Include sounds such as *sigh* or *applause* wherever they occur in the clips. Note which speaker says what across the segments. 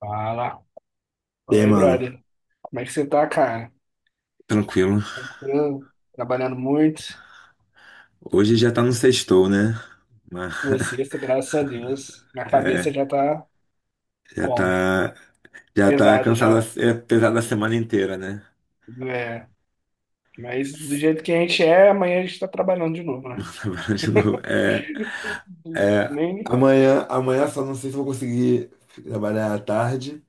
Speaker 1: Fala.
Speaker 2: E
Speaker 1: Fala
Speaker 2: aí,
Speaker 1: aí,
Speaker 2: mano?
Speaker 1: brother. Como é que você tá, cara?
Speaker 2: Tranquilo.
Speaker 1: Tranquilo? Trabalhando muito?
Speaker 2: Hoje já tá no sextou, né? Mas,
Speaker 1: Você,
Speaker 2: *laughs*
Speaker 1: graças a Deus. Minha
Speaker 2: é,
Speaker 1: cabeça já tá
Speaker 2: já
Speaker 1: como?
Speaker 2: tá, já tá
Speaker 1: Pesada
Speaker 2: cansado
Speaker 1: já.
Speaker 2: é pesada a semana inteira, né?
Speaker 1: É. Mas do
Speaker 2: *laughs*
Speaker 1: jeito que a gente é, amanhã a gente tá trabalhando de novo, né?
Speaker 2: Trabalhando de novo. É,
Speaker 1: *laughs*
Speaker 2: é,
Speaker 1: Nem...
Speaker 2: amanhã só não sei se vou conseguir trabalhar à tarde,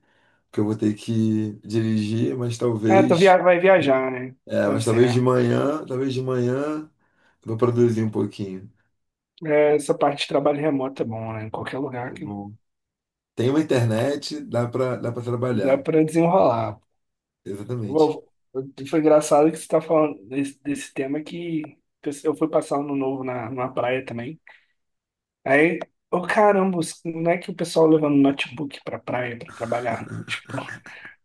Speaker 2: porque eu vou ter que dirigir,
Speaker 1: Ah, vai viajar, né? Tá
Speaker 2: mas talvez de
Speaker 1: certo.
Speaker 2: manhã, eu vou produzir um pouquinho.
Speaker 1: É, essa parte de trabalho remoto é bom, né? Em qualquer lugar
Speaker 2: É
Speaker 1: que
Speaker 2: bom. Tem uma internet, dá pra
Speaker 1: dá
Speaker 2: trabalhar.
Speaker 1: pra desenrolar.
Speaker 2: Exatamente.
Speaker 1: Foi engraçado que você tá falando desse tema que eu fui passar ano novo na praia também. Aí, ô caramba, não é que o pessoal levando notebook pra praia pra trabalhar? Tipo,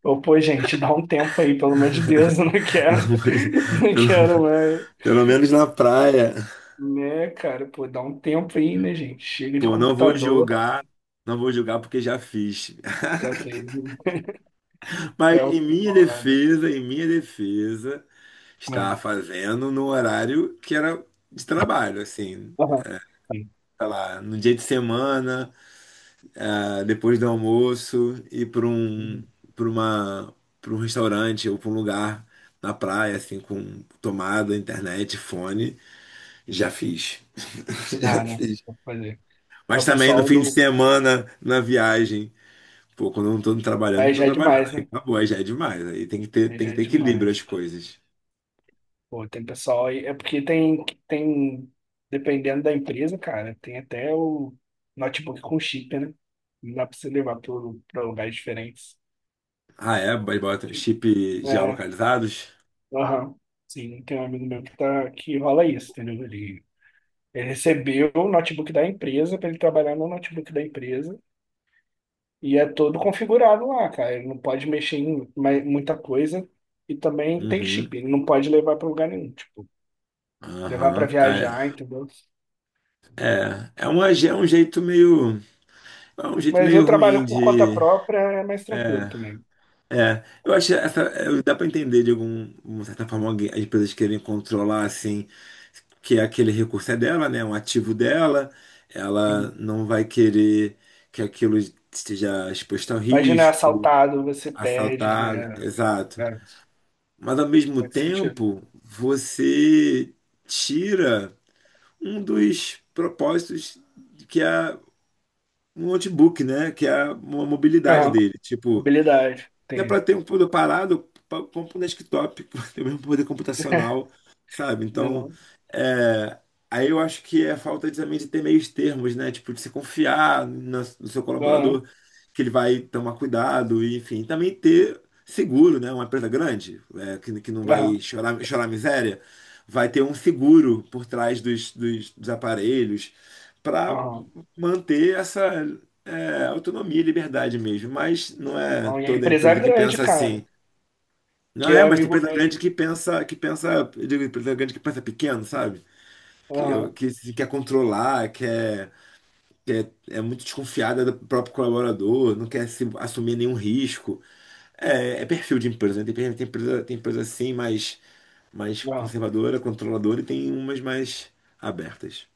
Speaker 1: ô pô, gente, dá um tempo aí, pelo amor de Deus, *laughs* eu não
Speaker 2: *laughs*
Speaker 1: quero, *laughs* não quero mais.
Speaker 2: Pelo menos na praia.
Speaker 1: Né, cara, pô, dá um tempo aí, né, gente? Chega de
Speaker 2: Pô, não vou
Speaker 1: computador,
Speaker 2: julgar, não vou julgar porque já fiz.
Speaker 1: já
Speaker 2: *laughs*
Speaker 1: fez, né?
Speaker 2: Mas
Speaker 1: É o foda.
Speaker 2: em minha defesa,
Speaker 1: Ah,
Speaker 2: estava fazendo no horário que era de trabalho, assim,
Speaker 1: aham, sim.
Speaker 2: sei lá, no dia de semana, ah, depois do almoço, ir para um,
Speaker 1: Uhum.
Speaker 2: para uma, para um restaurante ou para um lugar na praia, assim, com tomada, internet, fone, já fiz. *laughs* Já
Speaker 1: Dá, né?
Speaker 2: fiz.
Speaker 1: Vou fazer. É
Speaker 2: Mas
Speaker 1: o
Speaker 2: também no
Speaker 1: pessoal
Speaker 2: fim de
Speaker 1: do.
Speaker 2: semana, na viagem. Pô, quando eu não tô trabalhando,
Speaker 1: Aí
Speaker 2: não tô
Speaker 1: já é
Speaker 2: trabalhando.
Speaker 1: demais,
Speaker 2: Aí
Speaker 1: né?
Speaker 2: acabou, aí já é demais. Aí
Speaker 1: Aí
Speaker 2: tem
Speaker 1: já
Speaker 2: que
Speaker 1: é
Speaker 2: ter equilíbrio
Speaker 1: demais.
Speaker 2: as coisas.
Speaker 1: Pô, tem pessoal aí. É porque tem, dependendo da empresa, cara, tem até o notebook com chip, né? Não dá pra você levar para lugares diferentes.
Speaker 2: Ah, é? Mas bota chip
Speaker 1: É,
Speaker 2: geolocalizados?
Speaker 1: aham. Sim, tem um amigo meu que, tá, que rola isso, entendeu? Ele recebeu o notebook da empresa para ele trabalhar no notebook da empresa e é todo configurado lá, cara. Ele não pode mexer em muita coisa e também tem
Speaker 2: Uhum.
Speaker 1: chip, ele não pode levar para lugar nenhum, tipo, levar para
Speaker 2: Aham.
Speaker 1: viajar,
Speaker 2: Ah,
Speaker 1: entendeu?
Speaker 2: é um jeito meio. É um jeito
Speaker 1: Mas
Speaker 2: meio
Speaker 1: eu
Speaker 2: ruim
Speaker 1: trabalho por conta
Speaker 2: de.
Speaker 1: própria, é mais tranquilo
Speaker 2: É.
Speaker 1: também.
Speaker 2: É, eu acho dá para entender de algum, de certa forma as empresas querem controlar assim que é aquele recurso é dela, né, um ativo dela, ela
Speaker 1: Uhum.
Speaker 2: não vai querer que aquilo esteja exposto ao
Speaker 1: Imagina, é
Speaker 2: risco,
Speaker 1: assaltado, você perde.
Speaker 2: assaltado,
Speaker 1: É,
Speaker 2: exato.
Speaker 1: é,
Speaker 2: Mas ao mesmo
Speaker 1: faz sentido.
Speaker 2: tempo, você tira um dos propósitos que é um notebook, né, que é a mobilidade
Speaker 1: Aham.
Speaker 2: dele, tipo
Speaker 1: Habilidade.
Speaker 2: é
Speaker 1: Entendi.
Speaker 2: para ter um computador parado, compra um desktop, *laughs* para ter o mesmo poder computacional, sabe? Então,
Speaker 1: Não,
Speaker 2: aí eu acho que é a falta de, também de ter meios termos, né? Tipo, de se confiar no seu
Speaker 1: aham.
Speaker 2: colaborador, que ele vai tomar cuidado, e, enfim. Também ter seguro, né? Uma empresa grande, que não vai
Speaker 1: Aham.
Speaker 2: chorar miséria, vai ter um seguro por trás dos aparelhos para
Speaker 1: Aham.
Speaker 2: manter essa autonomia e liberdade mesmo. Mas não é
Speaker 1: Não, e a
Speaker 2: toda
Speaker 1: empresa é
Speaker 2: empresa que
Speaker 1: grande,
Speaker 2: pensa assim.
Speaker 1: cara.
Speaker 2: Não
Speaker 1: Que
Speaker 2: é,
Speaker 1: é
Speaker 2: mas tem
Speaker 1: amigo.
Speaker 2: empresa grande que pensa, eu digo, empresa grande que pensa pequeno, sabe? Que,
Speaker 1: Aham.
Speaker 2: que se quer controlar, quer, é muito desconfiada do próprio colaborador, não quer se assumir nenhum risco. É, é perfil de empresa, né? Tem empresa assim mais,
Speaker 1: Aham.
Speaker 2: conservadora, controladora, e tem umas mais abertas.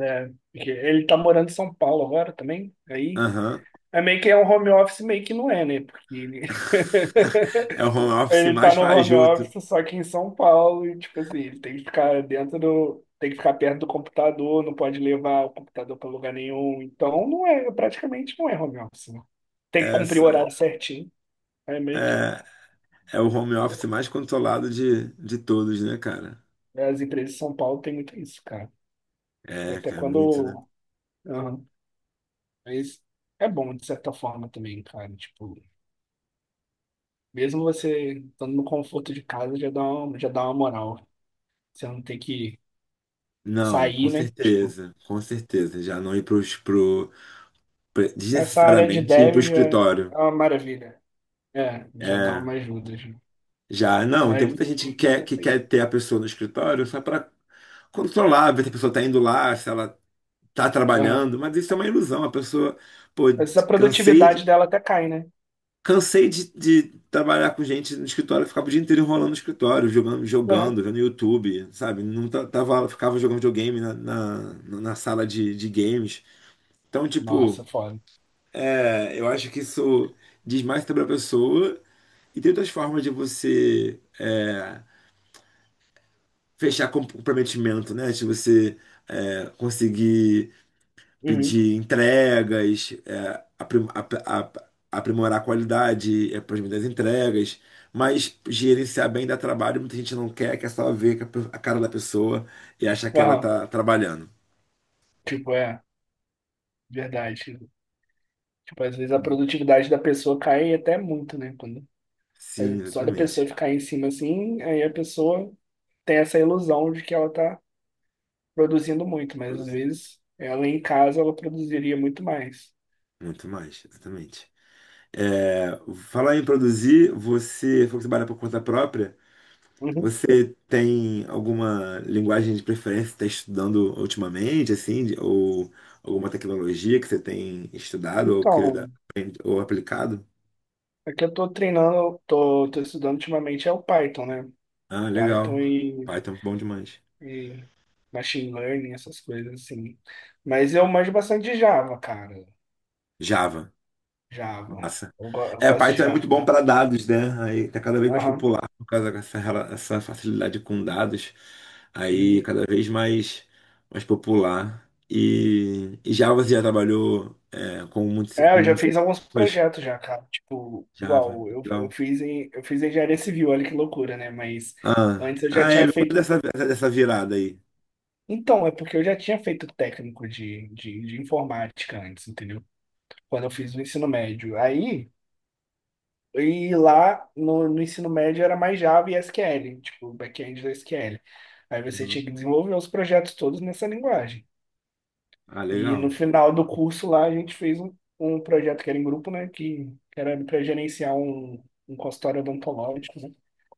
Speaker 1: É, porque ele tá morando em São Paulo agora também. Aí
Speaker 2: Aham.
Speaker 1: é meio que é um home office, meio que não é, né? Porque
Speaker 2: *laughs* É o home
Speaker 1: *laughs*
Speaker 2: office
Speaker 1: ele tá
Speaker 2: mais
Speaker 1: no home
Speaker 2: fajuto.
Speaker 1: office, só que em São Paulo, e tipo assim, ele tem que ficar dentro do. Tem que ficar perto do computador, não pode levar o computador pra lugar nenhum. Então não é, praticamente não é home office, né? Tem que cumprir o
Speaker 2: Essa
Speaker 1: horário certinho. É meio que.
Speaker 2: é, é o home office mais controlado de todos, né, cara?
Speaker 1: As empresas de São Paulo tem muito isso, cara.
Speaker 2: É,
Speaker 1: Até
Speaker 2: cara, muito, né?
Speaker 1: quando. Aham. Mas é bom, de certa forma, também, cara. Tipo, mesmo você estando no conforto de casa, já dá uma moral. Você não tem que
Speaker 2: Não, com
Speaker 1: sair, né? Tipo,
Speaker 2: certeza, com certeza. Já não ir para os
Speaker 1: essa área de
Speaker 2: desnecessariamente ir para o
Speaker 1: dev já é
Speaker 2: escritório.
Speaker 1: uma maravilha. É, já dá
Speaker 2: É,
Speaker 1: uma ajuda. Já.
Speaker 2: já,
Speaker 1: Essa
Speaker 2: não, tem
Speaker 1: área de
Speaker 2: muita gente que quer,
Speaker 1: desenvolvimento aí.
Speaker 2: ter a pessoa no escritório só para controlar, ver se a pessoa está indo lá, se ela está
Speaker 1: Aham.
Speaker 2: trabalhando, mas isso é uma ilusão. A pessoa, pô,
Speaker 1: Mas a
Speaker 2: cansei,
Speaker 1: produtividade dela até cai, né?
Speaker 2: cansei de trabalhar com gente no escritório. Eu ficava o dia inteiro enrolando no escritório, jogando,
Speaker 1: Aham.
Speaker 2: jogando, vendo YouTube, sabe? Não tava, ficava jogando videogame na sala de games. Então, tipo,
Speaker 1: Nossa, foda.
Speaker 2: eu acho que isso diz mais sobre a pessoa. E tem outras formas de você é, fechar comprometimento, né? De você conseguir
Speaker 1: Uhum.
Speaker 2: pedir entregas, aprimorar a qualidade, é, por exemplo, das entregas, mas gerenciar bem dá trabalho. Muita gente não quer, só ver a cara da pessoa e achar que ela
Speaker 1: Aham.
Speaker 2: tá trabalhando.
Speaker 1: Tipo, é, verdade. Tipo, às vezes a produtividade da pessoa cai até muito, né? Quando, é,
Speaker 2: Sim,
Speaker 1: só da pessoa
Speaker 2: exatamente.
Speaker 1: ficar em cima assim, aí a pessoa tem essa ilusão de que ela tá produzindo muito, mas às
Speaker 2: Produzir
Speaker 1: vezes ela em casa ela produziria muito mais.
Speaker 2: Muito mais, exatamente. É, falar em produzir, você falou que trabalha por conta própria.
Speaker 1: Uhum.
Speaker 2: Você tem alguma linguagem de preferência que está estudando ultimamente, assim, ou alguma tecnologia que você tem estudado ou
Speaker 1: Então.
Speaker 2: querido, ou aplicado?
Speaker 1: É que eu tô treinando, tô estudando ultimamente é o Python, né?
Speaker 2: Ah, legal.
Speaker 1: Python e,
Speaker 2: Python é bom demais.
Speaker 1: e machine learning, essas coisas assim. Mas eu manjo bastante de Java, cara.
Speaker 2: Java,
Speaker 1: Java.
Speaker 2: massa.
Speaker 1: Eu
Speaker 2: É,
Speaker 1: gosto de
Speaker 2: Python é muito
Speaker 1: Java.
Speaker 2: bom para dados, né? Aí tá cada vez mais
Speaker 1: Aham.
Speaker 2: popular por causa essa facilidade com dados. Aí
Speaker 1: Uhum.
Speaker 2: cada vez mais popular. E, Java você já trabalhou com muitos
Speaker 1: É, eu já fiz alguns
Speaker 2: mas
Speaker 1: projetos já, cara. Tipo,
Speaker 2: Java,
Speaker 1: igual, eu, eu
Speaker 2: legal.
Speaker 1: fiz em, eu fiz engenharia civil, olha que loucura, né? Mas
Speaker 2: Ah,
Speaker 1: antes eu já
Speaker 2: ah
Speaker 1: tinha
Speaker 2: me conta
Speaker 1: feito.
Speaker 2: dessa virada aí.
Speaker 1: Então, é porque eu já tinha feito técnico de informática antes, entendeu? Quando eu fiz o ensino médio. Aí. E lá no ensino médio era mais Java e SQL, tipo, back-end da SQL. Aí você
Speaker 2: Uhum.
Speaker 1: tinha que desenvolver os projetos todos nessa linguagem.
Speaker 2: Ah,
Speaker 1: E no
Speaker 2: legal.
Speaker 1: final do curso lá a gente fez um projeto que era em grupo, né? Que era para gerenciar um consultório odontológico, né?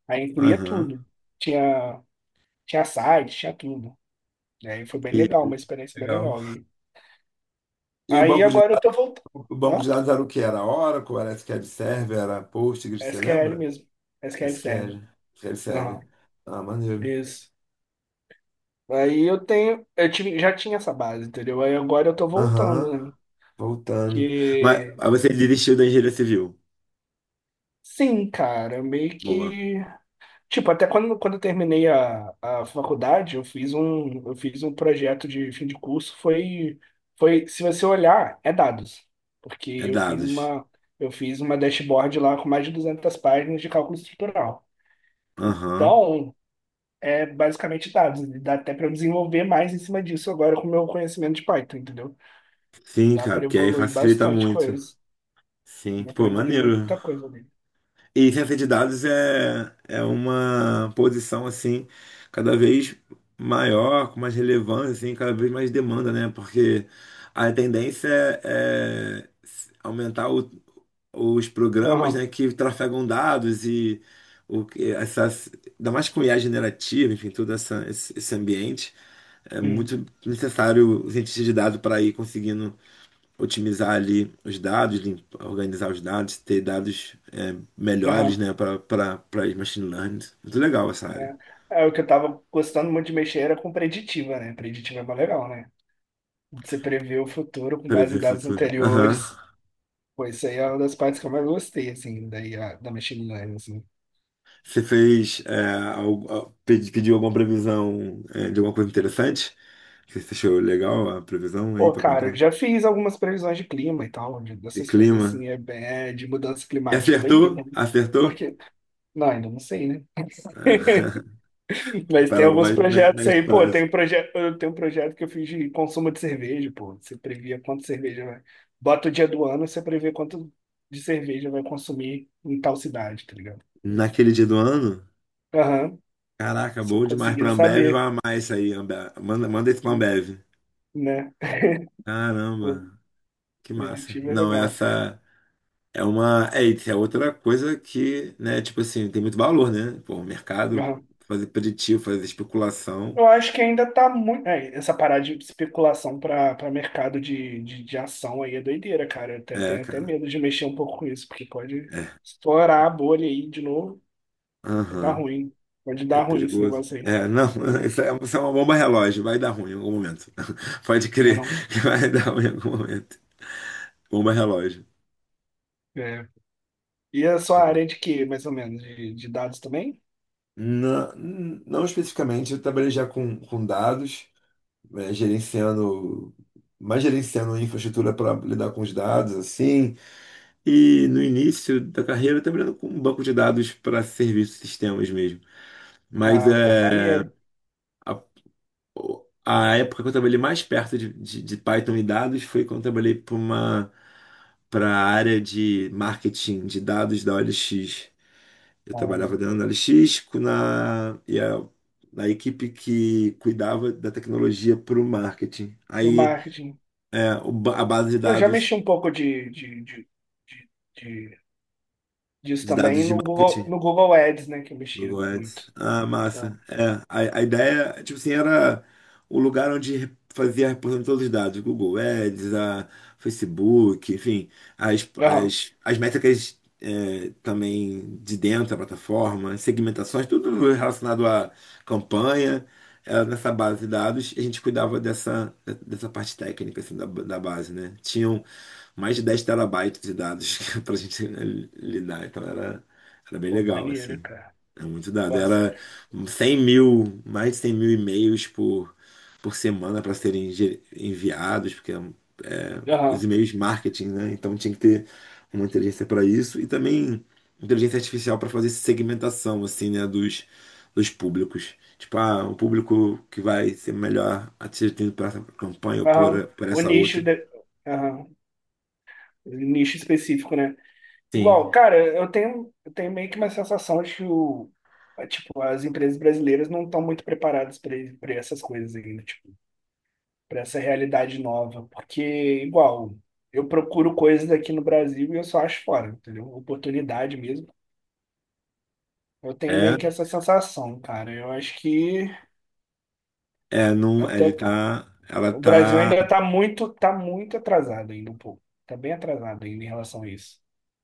Speaker 1: Aí incluía
Speaker 2: Aham.
Speaker 1: tudo. Tinha, tinha site, tinha tudo. Né, e aí foi bem
Speaker 2: E,
Speaker 1: legal, uma experiência bem
Speaker 2: legal.
Speaker 1: legal. E
Speaker 2: E o
Speaker 1: aí agora eu tô voltando.
Speaker 2: o banco de
Speaker 1: Hã?
Speaker 2: dados era o que? Era Oracle, era SQL Server, era Postgres, você
Speaker 1: SQL
Speaker 2: lembra?
Speaker 1: mesmo. SQL Server.
Speaker 2: SQL, SQL
Speaker 1: Aham.
Speaker 2: Server. Ah, maneiro.
Speaker 1: Isso. Aí eu tenho, eu tive, já tinha essa base, entendeu? Aí agora eu tô
Speaker 2: Aham,
Speaker 1: voltando, né?
Speaker 2: voltando. Mas
Speaker 1: Porque,
Speaker 2: aí você desistiu da engenharia civil.
Speaker 1: sim, cara, meio
Speaker 2: Boa.
Speaker 1: que, tipo, até quando, eu terminei a faculdade, eu fiz um projeto de fim de curso, foi, se você olhar, é dados, porque
Speaker 2: É
Speaker 1: eu fiz
Speaker 2: dados.
Speaker 1: uma, eu fiz uma dashboard lá com mais de 200 páginas de cálculo estrutural.
Speaker 2: Aham.
Speaker 1: Então, é basicamente dados, dá até para eu desenvolver mais em cima disso agora com o meu conhecimento de Python, entendeu?
Speaker 2: Sim,
Speaker 1: Dá
Speaker 2: cara,
Speaker 1: pra
Speaker 2: porque aí
Speaker 1: evoluir
Speaker 2: facilita
Speaker 1: bastante
Speaker 2: muito.
Speaker 1: coisa.
Speaker 2: Sim,
Speaker 1: Dá pra
Speaker 2: pô,
Speaker 1: evoluir
Speaker 2: maneiro.
Speaker 1: muita coisa ali.
Speaker 2: E *laughs* ciência de dados é uma posição assim cada vez maior, com mais relevância, assim, cada vez mais demanda, né? Porque a tendência é aumentar os programas,
Speaker 1: Aham.
Speaker 2: né, que trafegam dados e o que essas, ainda mais com IA generativa, enfim, esse ambiente é
Speaker 1: Uhum.
Speaker 2: muito necessário o cientista de dados para ir conseguindo otimizar ali os dados, organizar os dados, ter dados melhores,
Speaker 1: Aham.
Speaker 2: né, para machine learning. Muito legal essa área.
Speaker 1: É. É, o que eu tava gostando muito de mexer era com preditiva, né? Preditiva é mais legal, né? Você prevê o futuro com base em
Speaker 2: Prever
Speaker 1: dados
Speaker 2: futuro. Aham.
Speaker 1: anteriores. Pô, isso aí é uma das partes que eu mais gostei, assim, daí, da machine learning, assim.
Speaker 2: Você fez pediu alguma previsão é, de alguma coisa interessante? Que você achou legal a previsão aí
Speaker 1: Pô,
Speaker 2: para
Speaker 1: cara, eu
Speaker 2: contar?
Speaker 1: já fiz algumas previsões de clima e tal, de-
Speaker 2: E
Speaker 1: dessas coisas,
Speaker 2: clima.
Speaker 1: assim, é, é de mudança
Speaker 2: E
Speaker 1: climática, é
Speaker 2: acertou?
Speaker 1: doideira, né?
Speaker 2: Acertou?
Speaker 1: Porque, não, ainda não sei, né?
Speaker 2: *laughs*
Speaker 1: Mas tem
Speaker 2: Para o
Speaker 1: alguns
Speaker 2: mais
Speaker 1: projetos
Speaker 2: médio
Speaker 1: aí, pô,
Speaker 2: prazo.
Speaker 1: tem um projeto, eu tenho um projeto que eu fiz de consumo de cerveja, pô. Você previa quanto cerveja vai. Bota o dia do ano, você prevê quanto de cerveja vai consumir em tal cidade, tá ligado?
Speaker 2: Naquele dia do ano?
Speaker 1: Aham.
Speaker 2: Caraca,
Speaker 1: Você
Speaker 2: bom demais pra
Speaker 1: conseguia
Speaker 2: Ambev, vai
Speaker 1: saber,
Speaker 2: amar isso aí, Ambev. Manda, manda isso pra Ambev.
Speaker 1: né? O
Speaker 2: Caramba, que massa.
Speaker 1: preditivo é
Speaker 2: Não,
Speaker 1: legal.
Speaker 2: essa. É uma. É, e é outra coisa que, né, tipo assim, tem muito valor, né? Pô, o mercado
Speaker 1: Aham.
Speaker 2: fazer preditivo, fazer especulação.
Speaker 1: Eu acho que ainda tá muito, é, essa parada de especulação para mercado de ação aí é doideira, cara. Eu te-
Speaker 2: É,
Speaker 1: tenho até
Speaker 2: cara.
Speaker 1: medo de mexer um pouco com isso, porque pode
Speaker 2: É.
Speaker 1: estourar a bolha aí de novo. Vai dar
Speaker 2: Aham.
Speaker 1: ruim. Pode
Speaker 2: É
Speaker 1: dar ruim esse
Speaker 2: perigoso.
Speaker 1: negócio aí.
Speaker 2: É, não, *laughs*
Speaker 1: Ruim.
Speaker 2: isso é uma bomba relógio, vai dar ruim em algum momento. *laughs* Pode
Speaker 1: Não é
Speaker 2: crer
Speaker 1: não.
Speaker 2: que vai *laughs* dar ruim em algum momento. Bomba relógio.
Speaker 1: É. E a
Speaker 2: Tá
Speaker 1: sua
Speaker 2: bom.
Speaker 1: área de quê, mais ou menos? De dados também?
Speaker 2: Não, não especificamente, eu trabalhei já com dados, né, gerenciando, mais gerenciando infraestrutura para lidar com os dados, assim. E no início da carreira eu trabalhando com um banco de dados para serviços e sistemas mesmo. Mas
Speaker 1: Ah, pô, maneiro.
Speaker 2: a, a época que eu trabalhei mais perto de Python e dados foi quando eu trabalhei para uma para a área de marketing de dados da OLX. Eu trabalhava
Speaker 1: Ah,
Speaker 2: dentro da OLX na equipe que cuidava da tecnologia para o marketing.
Speaker 1: no
Speaker 2: Aí
Speaker 1: marketing.
Speaker 2: a base de
Speaker 1: Eu já
Speaker 2: dados
Speaker 1: mexi um pouco de, de disso
Speaker 2: de dados
Speaker 1: também
Speaker 2: de
Speaker 1: no Google,
Speaker 2: marketing
Speaker 1: no Google, Ads, né? Que eu mexia
Speaker 2: Google
Speaker 1: muito.
Speaker 2: Ads. Ah,
Speaker 1: Ah,
Speaker 2: massa. É, a ideia, tipo assim, era o lugar onde fazia a reposição de todos os dados. Google Ads, a Facebook, enfim,
Speaker 1: aham.
Speaker 2: as métricas também de dentro da plataforma, segmentações, tudo relacionado à campanha, era nessa base de dados. E a gente cuidava dessa parte técnica, assim, da base, né? Tinham mais de 10 terabytes de dados *laughs* pra gente lidar, então era bem
Speaker 1: Pô,
Speaker 2: legal,
Speaker 1: maneiro,
Speaker 2: assim.
Speaker 1: cara.
Speaker 2: É muito dado.
Speaker 1: Gosto.
Speaker 2: Era 100 mil, mais de 100 mil e-mails por semana para serem enviados, porque é, os
Speaker 1: Aham.
Speaker 2: e-mails marketing, né? Então tinha que ter uma inteligência para isso e também inteligência artificial para fazer segmentação, assim, né? Dos públicos. Tipo, ah, o público que vai ser melhor atingido por essa campanha ou
Speaker 1: Aham.
Speaker 2: por
Speaker 1: O
Speaker 2: essa
Speaker 1: nicho,
Speaker 2: outra.
Speaker 1: aham. O nicho específico, né?
Speaker 2: Sim.
Speaker 1: Igual, cara, eu tenho meio que uma sensação de que o, é, tipo, as empresas brasileiras não estão muito preparadas para essas coisas ainda, tipo, para essa realidade nova. Porque, igual, eu procuro coisas aqui no Brasil e eu só acho fora, entendeu? Oportunidade mesmo. Eu tenho meio
Speaker 2: É,
Speaker 1: que essa sensação, cara. Eu acho que
Speaker 2: é, não,
Speaker 1: até
Speaker 2: ele tá, ela
Speaker 1: o Brasil
Speaker 2: tá,
Speaker 1: ainda tá muito atrasado ainda um pouco. Tá bem atrasado ainda em relação a isso.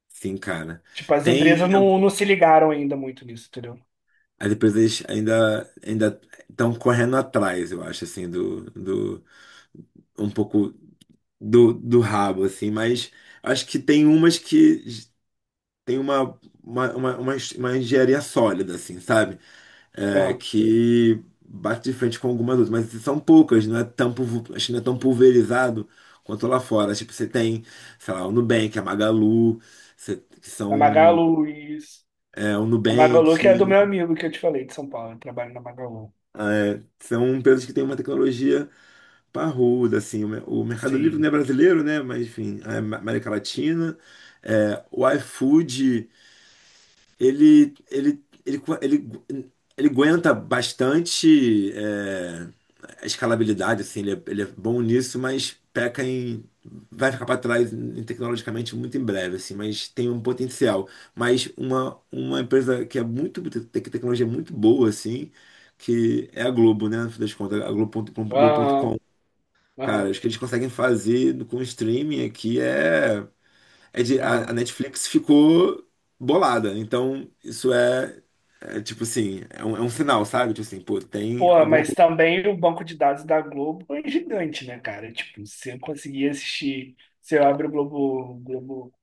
Speaker 2: sim, cara.
Speaker 1: Tipo, as empresas
Speaker 2: Tem
Speaker 1: não se ligaram ainda muito nisso, entendeu?
Speaker 2: Aí depois eles ainda estão correndo atrás, eu acho, assim, do um pouco do rabo, assim, mas acho que tem umas que tem uma uma engenharia sólida, assim, sabe? É, que bate de frente com algumas outras, mas são poucas, não é tão, acho que não é tão pulverizado quanto lá fora. Tipo, você tem, sei lá, o Nubank, a Magalu, que
Speaker 1: Na
Speaker 2: são
Speaker 1: Magalu, isso.
Speaker 2: o
Speaker 1: A Magalu
Speaker 2: Nubank,
Speaker 1: que é do meu amigo que eu te falei, de São Paulo. Eu trabalho na Magalu.
Speaker 2: são empresas que têm uma tecnologia Parrudo, assim, o Mercado Livre não
Speaker 1: Sim.
Speaker 2: é brasileiro, né? Mas enfim, é América Latina. É, o iFood, ele, ele, ele, co- ele, ele aguenta bastante a escalabilidade, assim, ele é bom nisso, mas peca em. Vai ficar para trás tecnologicamente muito em breve, assim, mas tem um potencial. Mas uma empresa que é muito, que a tecnologia é muito boa, assim, que é a Globo, né? No fim das contas, a Globo ponto
Speaker 1: Aham,
Speaker 2: com Cara,
Speaker 1: aham,
Speaker 2: acho que eles conseguem fazer com o streaming aqui é de, a
Speaker 1: aham.
Speaker 2: Netflix ficou bolada. Então, isso é tipo assim, é um sinal, sabe? Tipo assim, pô, tem
Speaker 1: Pô,
Speaker 2: alguma
Speaker 1: mas
Speaker 2: coisa.
Speaker 1: também o banco de dados da Globo é gigante, né, cara? Tipo, se eu conseguir assistir, se eu abro o Globo, Globo,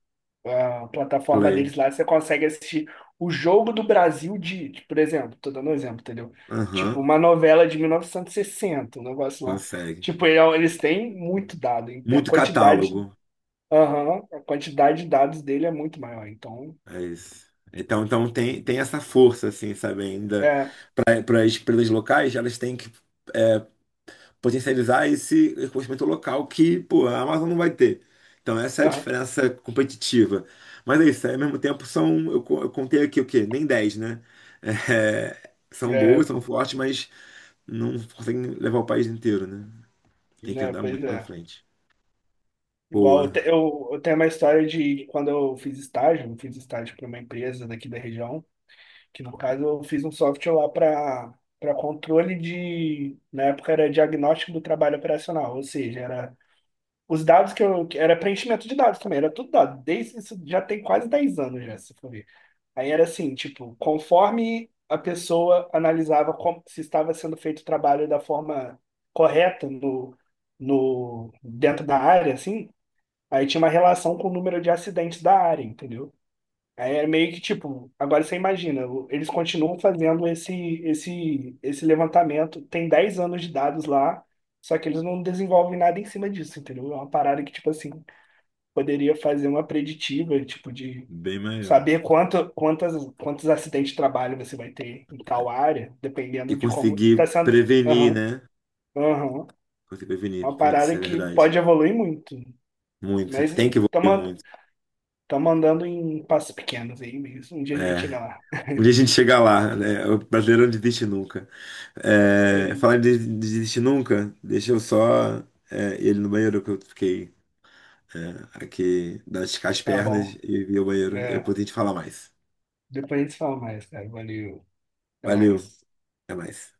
Speaker 1: a plataforma
Speaker 2: Play.
Speaker 1: deles lá, você consegue assistir o jogo do Brasil de por exemplo, tô dando um exemplo, entendeu? Tipo,
Speaker 2: Aham,
Speaker 1: uma novela de 1960 um negócio lá.
Speaker 2: consegue.
Speaker 1: Tipo, eles têm muito dado, hein? A
Speaker 2: Muito
Speaker 1: quantidade.
Speaker 2: catálogo.
Speaker 1: Aham, a quantidade de dados dele é muito maior. Então,
Speaker 2: É isso. Então, tem essa força, assim, sabe? Ainda
Speaker 1: é,
Speaker 2: para as empresas locais, elas têm que é, potencializar esse conhecimento local que, pô, a Amazon não vai ter. Então, essa é a
Speaker 1: aham,
Speaker 2: diferença competitiva. Mas é isso, aí, ao mesmo tempo são, eu contei aqui o quê? Nem 10, né? *laughs* É, são
Speaker 1: é,
Speaker 2: boas, são
Speaker 1: pô,
Speaker 2: fortes, mas não conseguem levar o país inteiro, né? Tem que
Speaker 1: né,
Speaker 2: andar
Speaker 1: pois
Speaker 2: muito pra
Speaker 1: é.
Speaker 2: frente.
Speaker 1: Igual,
Speaker 2: Boa,
Speaker 1: eu, te- eu tenho uma história de quando eu fiz estágio, para uma empresa daqui da região, que no caso eu fiz um software lá para controle de, na época era diagnóstico do trabalho operacional, ou seja, era os dados que era preenchimento de dados também, era tudo dado, desde isso já tem quase 10 anos já, se for ver. Aí era assim, tipo, conforme a pessoa analisava como, se estava sendo feito o trabalho da forma correta no, no, dentro da área, assim, aí tinha uma relação com o número de acidentes da área, entendeu? Aí era meio que tipo, agora você imagina, eles continuam fazendo esse levantamento, tem 10 anos de dados lá, só que eles não desenvolvem nada em cima disso, entendeu? É uma parada que, tipo assim, poderia fazer uma preditiva, tipo, de
Speaker 2: bem melhor.
Speaker 1: saber quantos acidentes de trabalho você vai ter em tal área,
Speaker 2: E
Speaker 1: dependendo de como
Speaker 2: conseguir
Speaker 1: está sendo.
Speaker 2: prevenir,
Speaker 1: Aham,
Speaker 2: né?
Speaker 1: aham.
Speaker 2: Conseguir
Speaker 1: É
Speaker 2: prevenir,
Speaker 1: uma
Speaker 2: putz, isso
Speaker 1: parada
Speaker 2: é
Speaker 1: que
Speaker 2: verdade.
Speaker 1: pode evoluir muito.
Speaker 2: Muito,
Speaker 1: Mas
Speaker 2: tem que evoluir
Speaker 1: estamos
Speaker 2: muito.
Speaker 1: andando em passos pequenos aí mesmo. Um dia a gente
Speaker 2: É,
Speaker 1: chega lá.
Speaker 2: um dia a gente chega lá, né? O brasileiro não desiste nunca. É,
Speaker 1: Sim.
Speaker 2: falar de desistir nunca, deixa eu só ele no banheiro, que eu fiquei aqui das as
Speaker 1: Tá
Speaker 2: pernas
Speaker 1: bom.
Speaker 2: e vi o banheiro. E
Speaker 1: É,
Speaker 2: depois a gente fala mais.
Speaker 1: depois a gente fala mais, cara. Valeu. Até
Speaker 2: Valeu,
Speaker 1: mais.
Speaker 2: até mais.